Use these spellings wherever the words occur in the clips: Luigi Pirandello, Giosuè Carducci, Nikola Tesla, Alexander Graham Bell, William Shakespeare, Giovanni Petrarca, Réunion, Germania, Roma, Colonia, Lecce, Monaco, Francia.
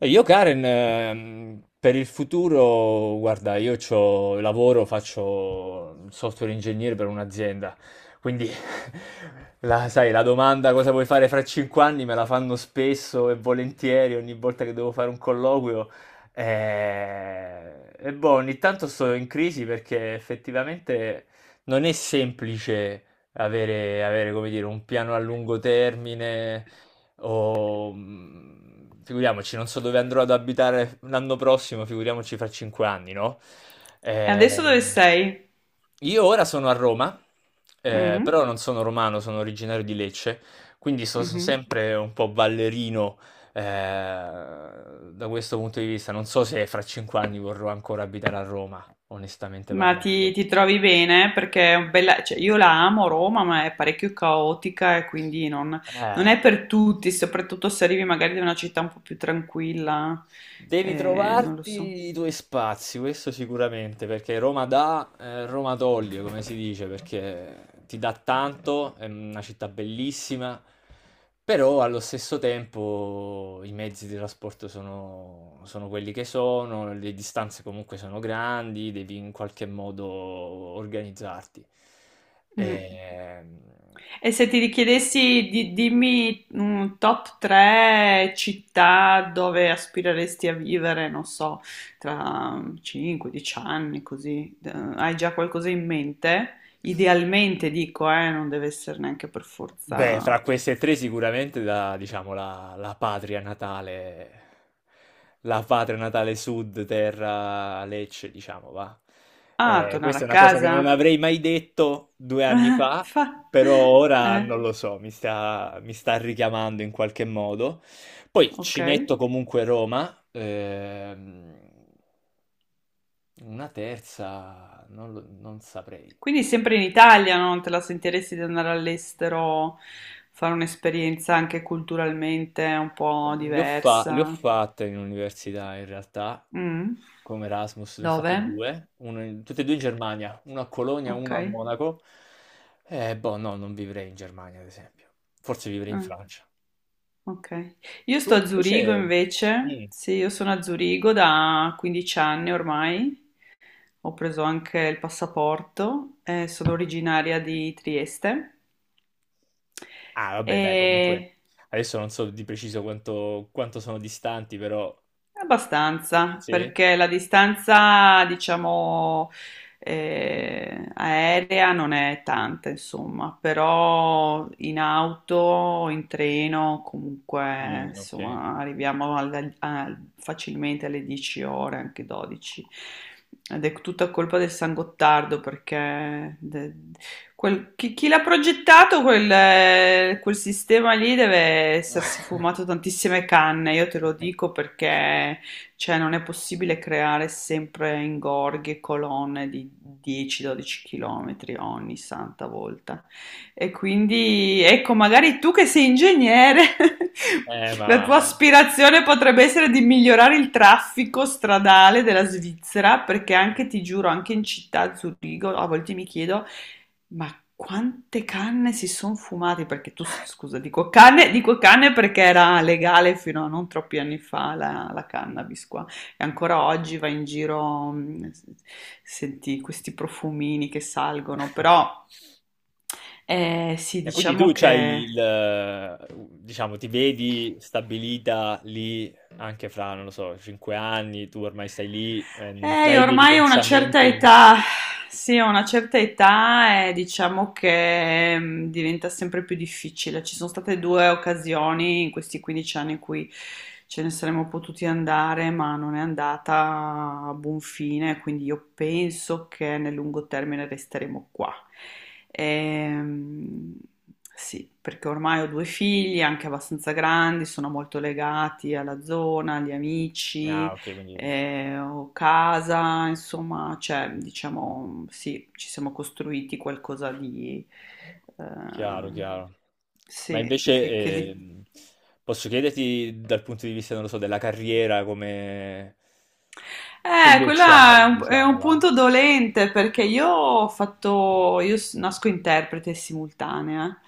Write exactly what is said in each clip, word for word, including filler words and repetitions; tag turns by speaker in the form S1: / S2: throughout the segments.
S1: E Io Karen, ehm, per il futuro, guarda, io c'ho- lavoro, faccio il software ingegnere per un'azienda, quindi la, sai, la domanda cosa vuoi fare fra cinque anni me la fanno spesso e volentieri ogni volta che devo fare un colloquio. eh, E, boh, ogni tanto sto in crisi perché effettivamente non è semplice avere, avere, come dire, un piano a lungo termine o, mh, figuriamoci, non so dove andrò ad abitare l'anno prossimo, figuriamoci fra cinque anni, no?
S2: E adesso dove
S1: Ehm,
S2: sei?
S1: io ora sono a Roma, eh,
S2: Mm?
S1: però non sono romano, sono originario di Lecce, quindi so- sono
S2: Mhm.
S1: sempre un po' ballerino, eh, da questo punto di vista. Non so se fra cinque anni vorrò ancora abitare a Roma, onestamente
S2: Ma ti,
S1: parlando.
S2: ti trovi bene? Perché è un bella. Cioè, io la amo Roma, ma è parecchio caotica e quindi non, non
S1: Eh.
S2: è per tutti, soprattutto se arrivi magari da una città un po' più tranquilla.
S1: Devi
S2: Eh, non lo so.
S1: trovarti i tuoi spazi, questo sicuramente, perché Roma dà, eh, Roma toglie, come si dice, perché ti dà tanto, è una città bellissima, però allo stesso tempo i mezzi di trasporto sono, sono quelli che sono, le distanze comunque sono grandi, devi in qualche modo organizzarti.
S2: Mm.
S1: Ehm,
S2: E se ti richiedessi di dimmi un top tre città dove aspireresti a vivere, non so, tra cinque dieci anni, così, eh, hai già qualcosa in mente? Idealmente dico, eh, non deve essere neanche per
S1: Beh,
S2: forza.
S1: fra queste tre sicuramente la, diciamo, la, la patria natale, la patria natale sud, terra Lecce, diciamo, va.
S2: Ah,
S1: Eh,
S2: tornare
S1: questa è
S2: a
S1: una cosa che non
S2: casa?
S1: avrei mai detto due anni fa,
S2: Fa...
S1: però ora
S2: Eh,
S1: non lo so, mi sta, mi sta richiamando in qualche modo. Poi
S2: ok.
S1: ci metto comunque Roma, ehm, una terza, non, lo- non saprei.
S2: Quindi sempre in Italia, no? non te la sentiresti di andare all'estero, fare un'esperienza anche culturalmente un po'
S1: Le ho, fa- le ho
S2: diversa?
S1: fatte in università in realtà,
S2: Mm?
S1: Come Erasmus, ne ho
S2: Dove?
S1: fatti due, uno in tutti e due in Germania, uno a Colonia,
S2: Ok.
S1: uno a Monaco. Eh, boh, no, non vivrei in Germania, ad esempio. Forse vivrei in
S2: Ah,
S1: Francia.
S2: ok. Io
S1: Tu
S2: sto a Zurigo
S1: invece.
S2: invece,
S1: Mm.
S2: sì, io sono a Zurigo da quindici anni ormai, ho preso anche il passaporto, eh, sono originaria di Trieste
S1: Ah,
S2: e
S1: vabbè, dai, comunque. Adesso non so di preciso quanto, quanto sono distanti, però.
S2: Abbastanza,
S1: Sì?
S2: perché la distanza, diciamo, eh, aerea non è tanta, insomma, però in auto, in treno, comunque,
S1: Mm, ok.
S2: insomma, arriviamo al- al- facilmente alle dieci ore, anche dodici. Ed è tutta colpa del San Gottardo perché de- Quel- chi chi l'ha progettato quel, eh, quel sistema lì deve essersi fumato tantissime canne, io te lo dico perché cioè, non è possibile creare sempre ingorghi e colonne di dieci dodici km ogni santa volta. E quindi, ecco, magari tu che sei ingegnere,
S1: Eh,
S2: la tua
S1: ma.
S2: aspirazione potrebbe essere di migliorare il traffico stradale della Svizzera, perché anche, ti giuro, anche in città, a Zurigo, a volte mi chiedo ma quante canne si son fumati? Perché tu, s- scusa, dico canne, dico canne perché era legale fino a non troppi anni fa la, la cannabis qua. E ancora oggi vai in giro, mh, senti questi profumini che salgono, però eh, sì,
S1: E quindi tu
S2: diciamo
S1: c'hai
S2: che.
S1: il, eh, diciamo, ti vedi stabilita lì anche fra, non lo so, cinque anni, tu ormai stai lì, eh, non
S2: Eh, io
S1: hai dei
S2: ormai ho una certa
S1: pensamenti.
S2: età, sì, ho una certa età e diciamo che mm, diventa sempre più difficile. Ci sono state due occasioni in questi quindici anni in cui ce ne saremmo potuti andare, ma non è andata a buon fine, quindi io penso che nel lungo termine resteremo qua. Ehm, sì, perché ormai ho due figli, anche abbastanza grandi, sono molto legati alla zona, agli
S1: Ah,
S2: amici
S1: ok, quindi
S2: eh, o casa, insomma, cioè, diciamo, sì, ci siamo costruiti qualcosa di, eh,
S1: chiaro, chiaro. Ma
S2: sì,
S1: invece
S2: che, che di.
S1: ehm, posso chiederti dal punto di vista, non lo so, della carriera, come che
S2: Eh,
S1: idee
S2: quella è
S1: c'hai,
S2: un, è
S1: diciamo,
S2: un
S1: va?
S2: punto dolente perché io ho fatto, io s- nasco interprete simultanea.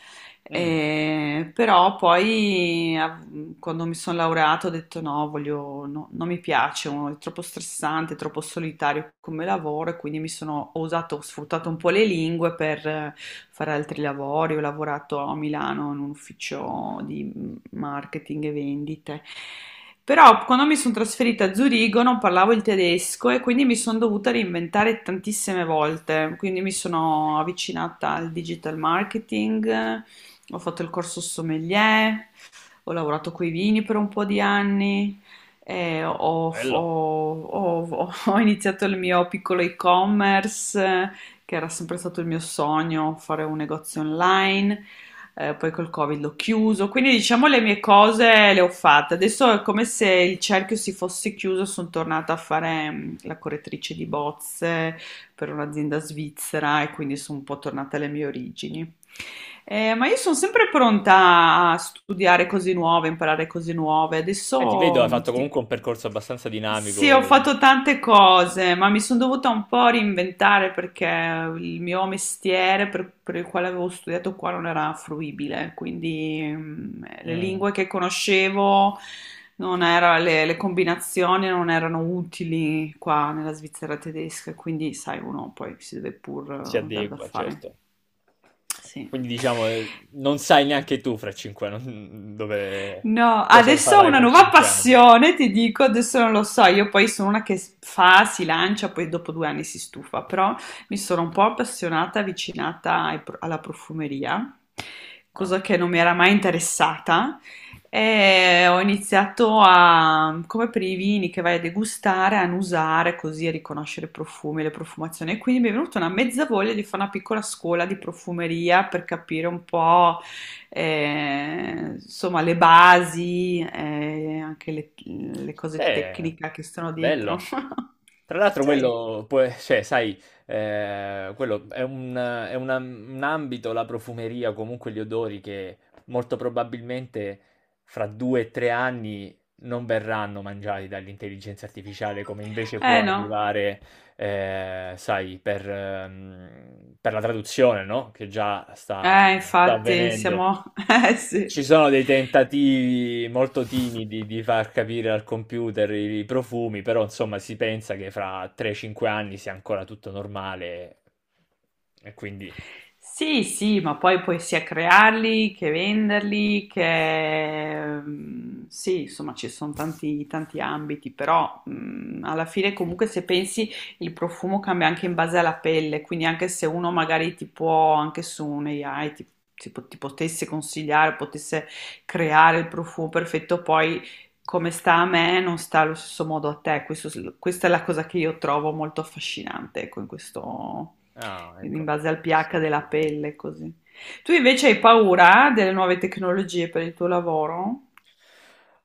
S1: Mm,
S2: eh, Però poi av- quando mi sono laureato ho detto no, voglio, no, non mi piace, è troppo stressante, è troppo solitario come lavoro e quindi mi sono ho usato, ho sfruttato un po' le lingue per eh, fare altri lavori, ho lavorato a Milano in un ufficio di marketing e vendite. Però quando mi sono trasferita a Zurigo non parlavo il tedesco e quindi mi sono dovuta reinventare tantissime volte. Quindi mi sono avvicinata al digital marketing, ho fatto il corso sommelier, ho lavorato coi vini per un po' di anni, eh, ho,
S1: bello.
S2: ho- ho- ho iniziato il mio piccolo e-commerce, eh, che era sempre stato il mio sogno, fare un negozio online. Eh, poi col Covid l'ho chiuso, quindi diciamo le mie cose le ho fatte. Adesso è come se il cerchio si fosse chiuso, sono tornata a fare mm, la correttrice di bozze, per un'azienda svizzera e quindi sono un po' tornata alle mie origini. Eh, ma io sono sempre pronta a studiare cose nuove, imparare cose nuove.
S1: Eh, ti
S2: Adesso
S1: vedo, hai
S2: mh, ti
S1: fatto
S2: dico,
S1: comunque un percorso abbastanza
S2: sì, ho
S1: dinamico.
S2: fatto tante cose, ma mi sono dovuta un po' reinventare perché il mio mestiere per, per il quale avevo studiato qua non era fruibile, quindi mm, le
S1: Mm,
S2: lingue che conoscevo non era- le, le combinazioni non erano utili qua nella Svizzera tedesca, quindi sai, uno poi si deve pur
S1: si
S2: eh, dar da
S1: adegua,
S2: fare.
S1: certo.
S2: Sì.
S1: Quindi diciamo, eh, non sai neanche tu fra cinque anni, dove,
S2: No,
S1: cosa
S2: adesso ho
S1: farai
S2: una
S1: fra
S2: nuova
S1: cinque anni.
S2: passione, ti dico, adesso non lo so, io poi sono una che s- fa, si lancia, poi dopo due anni si stufa, però mi sono un po' appassionata, avvicinata ai pro- alla profumeria,
S1: Ah,
S2: cosa che non mi era mai interessata, e ho iniziato a, come per i vini che vai a degustare, a annusare così, a riconoscere i profumi, le profumazioni, e quindi mi è venuta una mezza voglia di fare una piccola scuola di profumeria per capire un po' eh, insomma, le basi, eh, anche le, le cose
S1: beh,
S2: tecniche che sono dietro.
S1: bello. Tra l'altro
S2: Sì,
S1: quello, può- cioè, sai, eh, quello è un, è una- un ambito, la profumeria, comunque gli odori che molto probabilmente fra due o tre anni non verranno mangiati dall'intelligenza artificiale come invece può
S2: eh no,
S1: arrivare, ehm, sai, per, ehm, per la traduzione, no, che già sta,
S2: eh
S1: sta
S2: infatti
S1: avvenendo.
S2: siamo, eh sì.
S1: Ci sono dei tentativi molto timidi di far capire al computer i, i profumi, però insomma si pensa che fra tre cinque anni sia ancora tutto normale e quindi.
S2: Sì, sì, ma poi puoi sia crearli che venderli, che ehm, sì, insomma ci sono tanti, tanti ambiti, però mh, alla fine comunque se pensi il profumo cambia anche in base alla pelle, quindi anche se uno magari ti può, anche su un ai, ti, ti po- ti potesse consigliare, potesse creare il profumo perfetto, poi come sta a me non sta allo stesso modo a te. Questo- questa è la cosa che io trovo molto affascinante, ecco, in questo
S1: Ah, ecco.
S2: in base al pH della pelle, così. Tu invece hai paura delle nuove tecnologie per il tuo lavoro?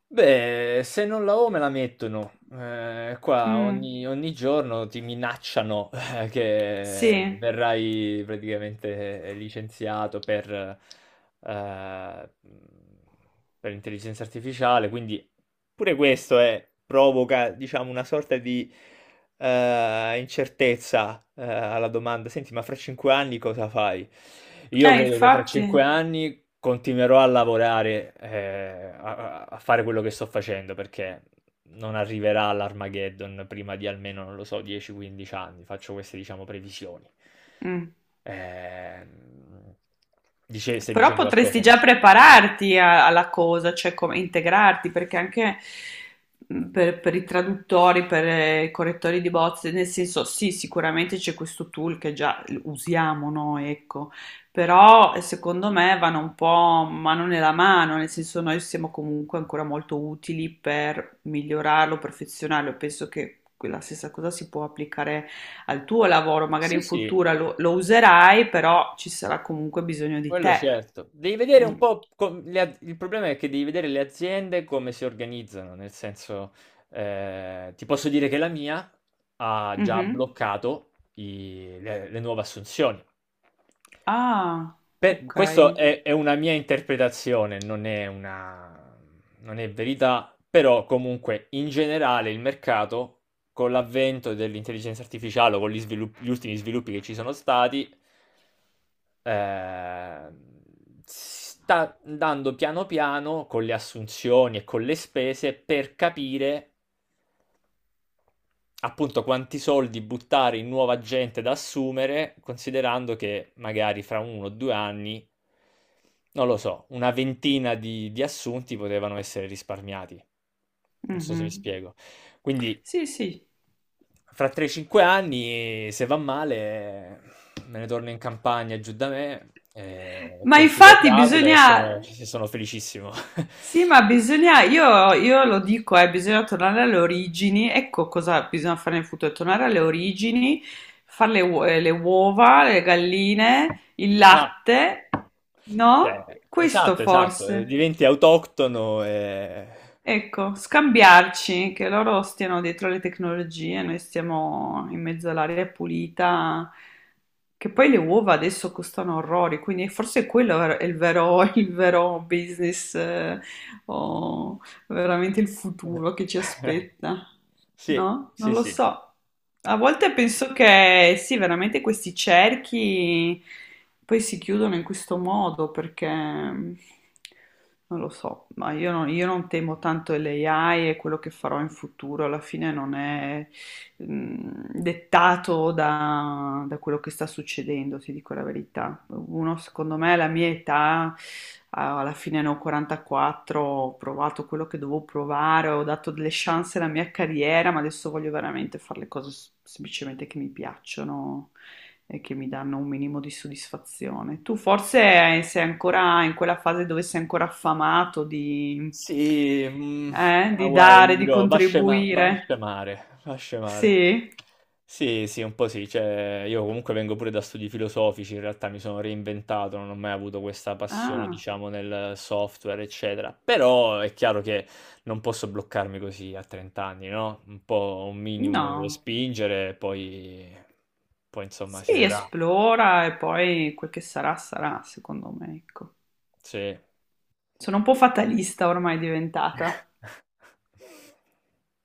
S1: Beh, se non la ho me la mettono. Ehm, qua
S2: Mm,
S1: ogni ogni giorno ti minacciano che
S2: sì,
S1: verrai praticamente eh, licenziato per, ehm, mhmm, per intelligenza artificiale, quindi pure questo è provoca diciamo una sorta di, ehm, incertezza, ehm, alla domanda: "Senti, ma fra cinque anni cosa fai?" Io
S2: eh,
S1: credo che fra cinque
S2: infatti.
S1: anni Continuerò a lavorare, eh, a, a fare quello che sto facendo perché non arriverà l'Armageddon prima di almeno, non lo so, dieci a quindici anni. Faccio queste, diciamo, previsioni.
S2: Mm.
S1: Ehm, dice- stai
S2: Però
S1: dicendo
S2: potresti
S1: qualcosa,
S2: già
S1: forse?
S2: prepararti a- alla cosa, cioè come integrarti, perché anche mh, per, per i traduttori, per eh, i correttori di bozze, nel senso, sì, sicuramente c'è questo tool che già usiamo noi, ecco, però eh, secondo me vanno un po' mano nella mano, nel senso noi siamo comunque ancora molto utili per migliorarlo, perfezionarlo, penso che la stessa cosa si può applicare al tuo lavoro, magari
S1: Sì,
S2: in
S1: sì,
S2: futuro lo, lo userai, però ci sarà comunque bisogno di
S1: quello
S2: te.
S1: certo. Devi vedere un
S2: Mm.
S1: po' com- le a- il problema è che devi vedere le aziende come si organizzano, nel senso, eh, ti posso dire che la mia ha già
S2: Mhm.
S1: bloccato i- le, le nuove assunzioni.
S2: Ah,
S1: Per-
S2: ok.
S1: questo è, è, una mia interpretazione, non è una, non è verità, però comunque in generale il mercato, con l'avvento dell'intelligenza artificiale o con gli, svilup- gli ultimi sviluppi che ci sono stati, eh, sta andando piano piano con le assunzioni e con le spese per capire Appunto, quanti soldi buttare in nuova gente da assumere, considerando che magari fra uno o due anni, non lo so, una ventina di, di assunti potevano essere risparmiati. Non so se mi
S2: Mhm.
S1: spiego. Quindi,
S2: Sì, sì.
S1: fra tre a cinque anni, se va male, me ne torno in campagna giù da me, eh,
S2: Ma
S1: coltivo
S2: infatti
S1: fragole e
S2: bisogna.
S1: sono, sono felicissimo.
S2: Sì, ma bisogna, io, io lo dico, eh, bisogna tornare alle origini, ecco cosa bisogna fare nel futuro, tornare alle origini, fare le, uo- eh, le uova, le galline, il
S1: Esatto.
S2: latte, no?
S1: Cioè,
S2: Questo
S1: esatto, esatto, eh,
S2: forse.
S1: diventi autoctono e.
S2: Ecco, scambiarci, che loro stiano dietro le tecnologie, noi stiamo in mezzo all'aria pulita, che poi le uova adesso costano orrori, quindi forse quello è il vero, il vero business, eh, o veramente il futuro che ci aspetta.
S1: Sì,
S2: No? Non
S1: sì,
S2: lo
S1: sì.
S2: so. A volte penso che sì, veramente questi cerchi poi si chiudono in questo modo perché non lo so, ma io non, io non temo tanto l'A I e quello che farò in futuro, alla fine non è mh, dettato da, da quello che sta succedendo, ti dico la verità. Uno, secondo me, alla mia età, a- alla fine ne ho quarantaquattro, ho provato quello che dovevo provare, ho dato delle chance alla mia carriera, ma adesso voglio veramente fare le cose s- semplicemente che mi piacciono e che mi danno un minimo di soddisfazione. Tu forse sei ancora in quella fase dove sei ancora affamato di,
S1: Sì, mm,
S2: eh,
S1: ma
S2: di
S1: guarda, ti
S2: dare, di
S1: dirò, va a scema- va a
S2: contribuire.
S1: scemare, va a scemare.
S2: Sì.
S1: Sì, sì, un po' sì, cioè, io comunque vengo pure da studi filosofici, in realtà mi sono reinventato, non ho mai avuto questa passione,
S2: Ah,
S1: diciamo, nel software, eccetera. Però è chiaro che non posso bloccarmi così a trenta anni, no? Un po' un minimo devo
S2: no.
S1: spingere, poi, poi insomma si
S2: Si
S1: vedrà.
S2: esplora e poi quel che sarà, sarà, secondo me, ecco.
S1: Sì.
S2: Sono un po' fatalista ormai diventata.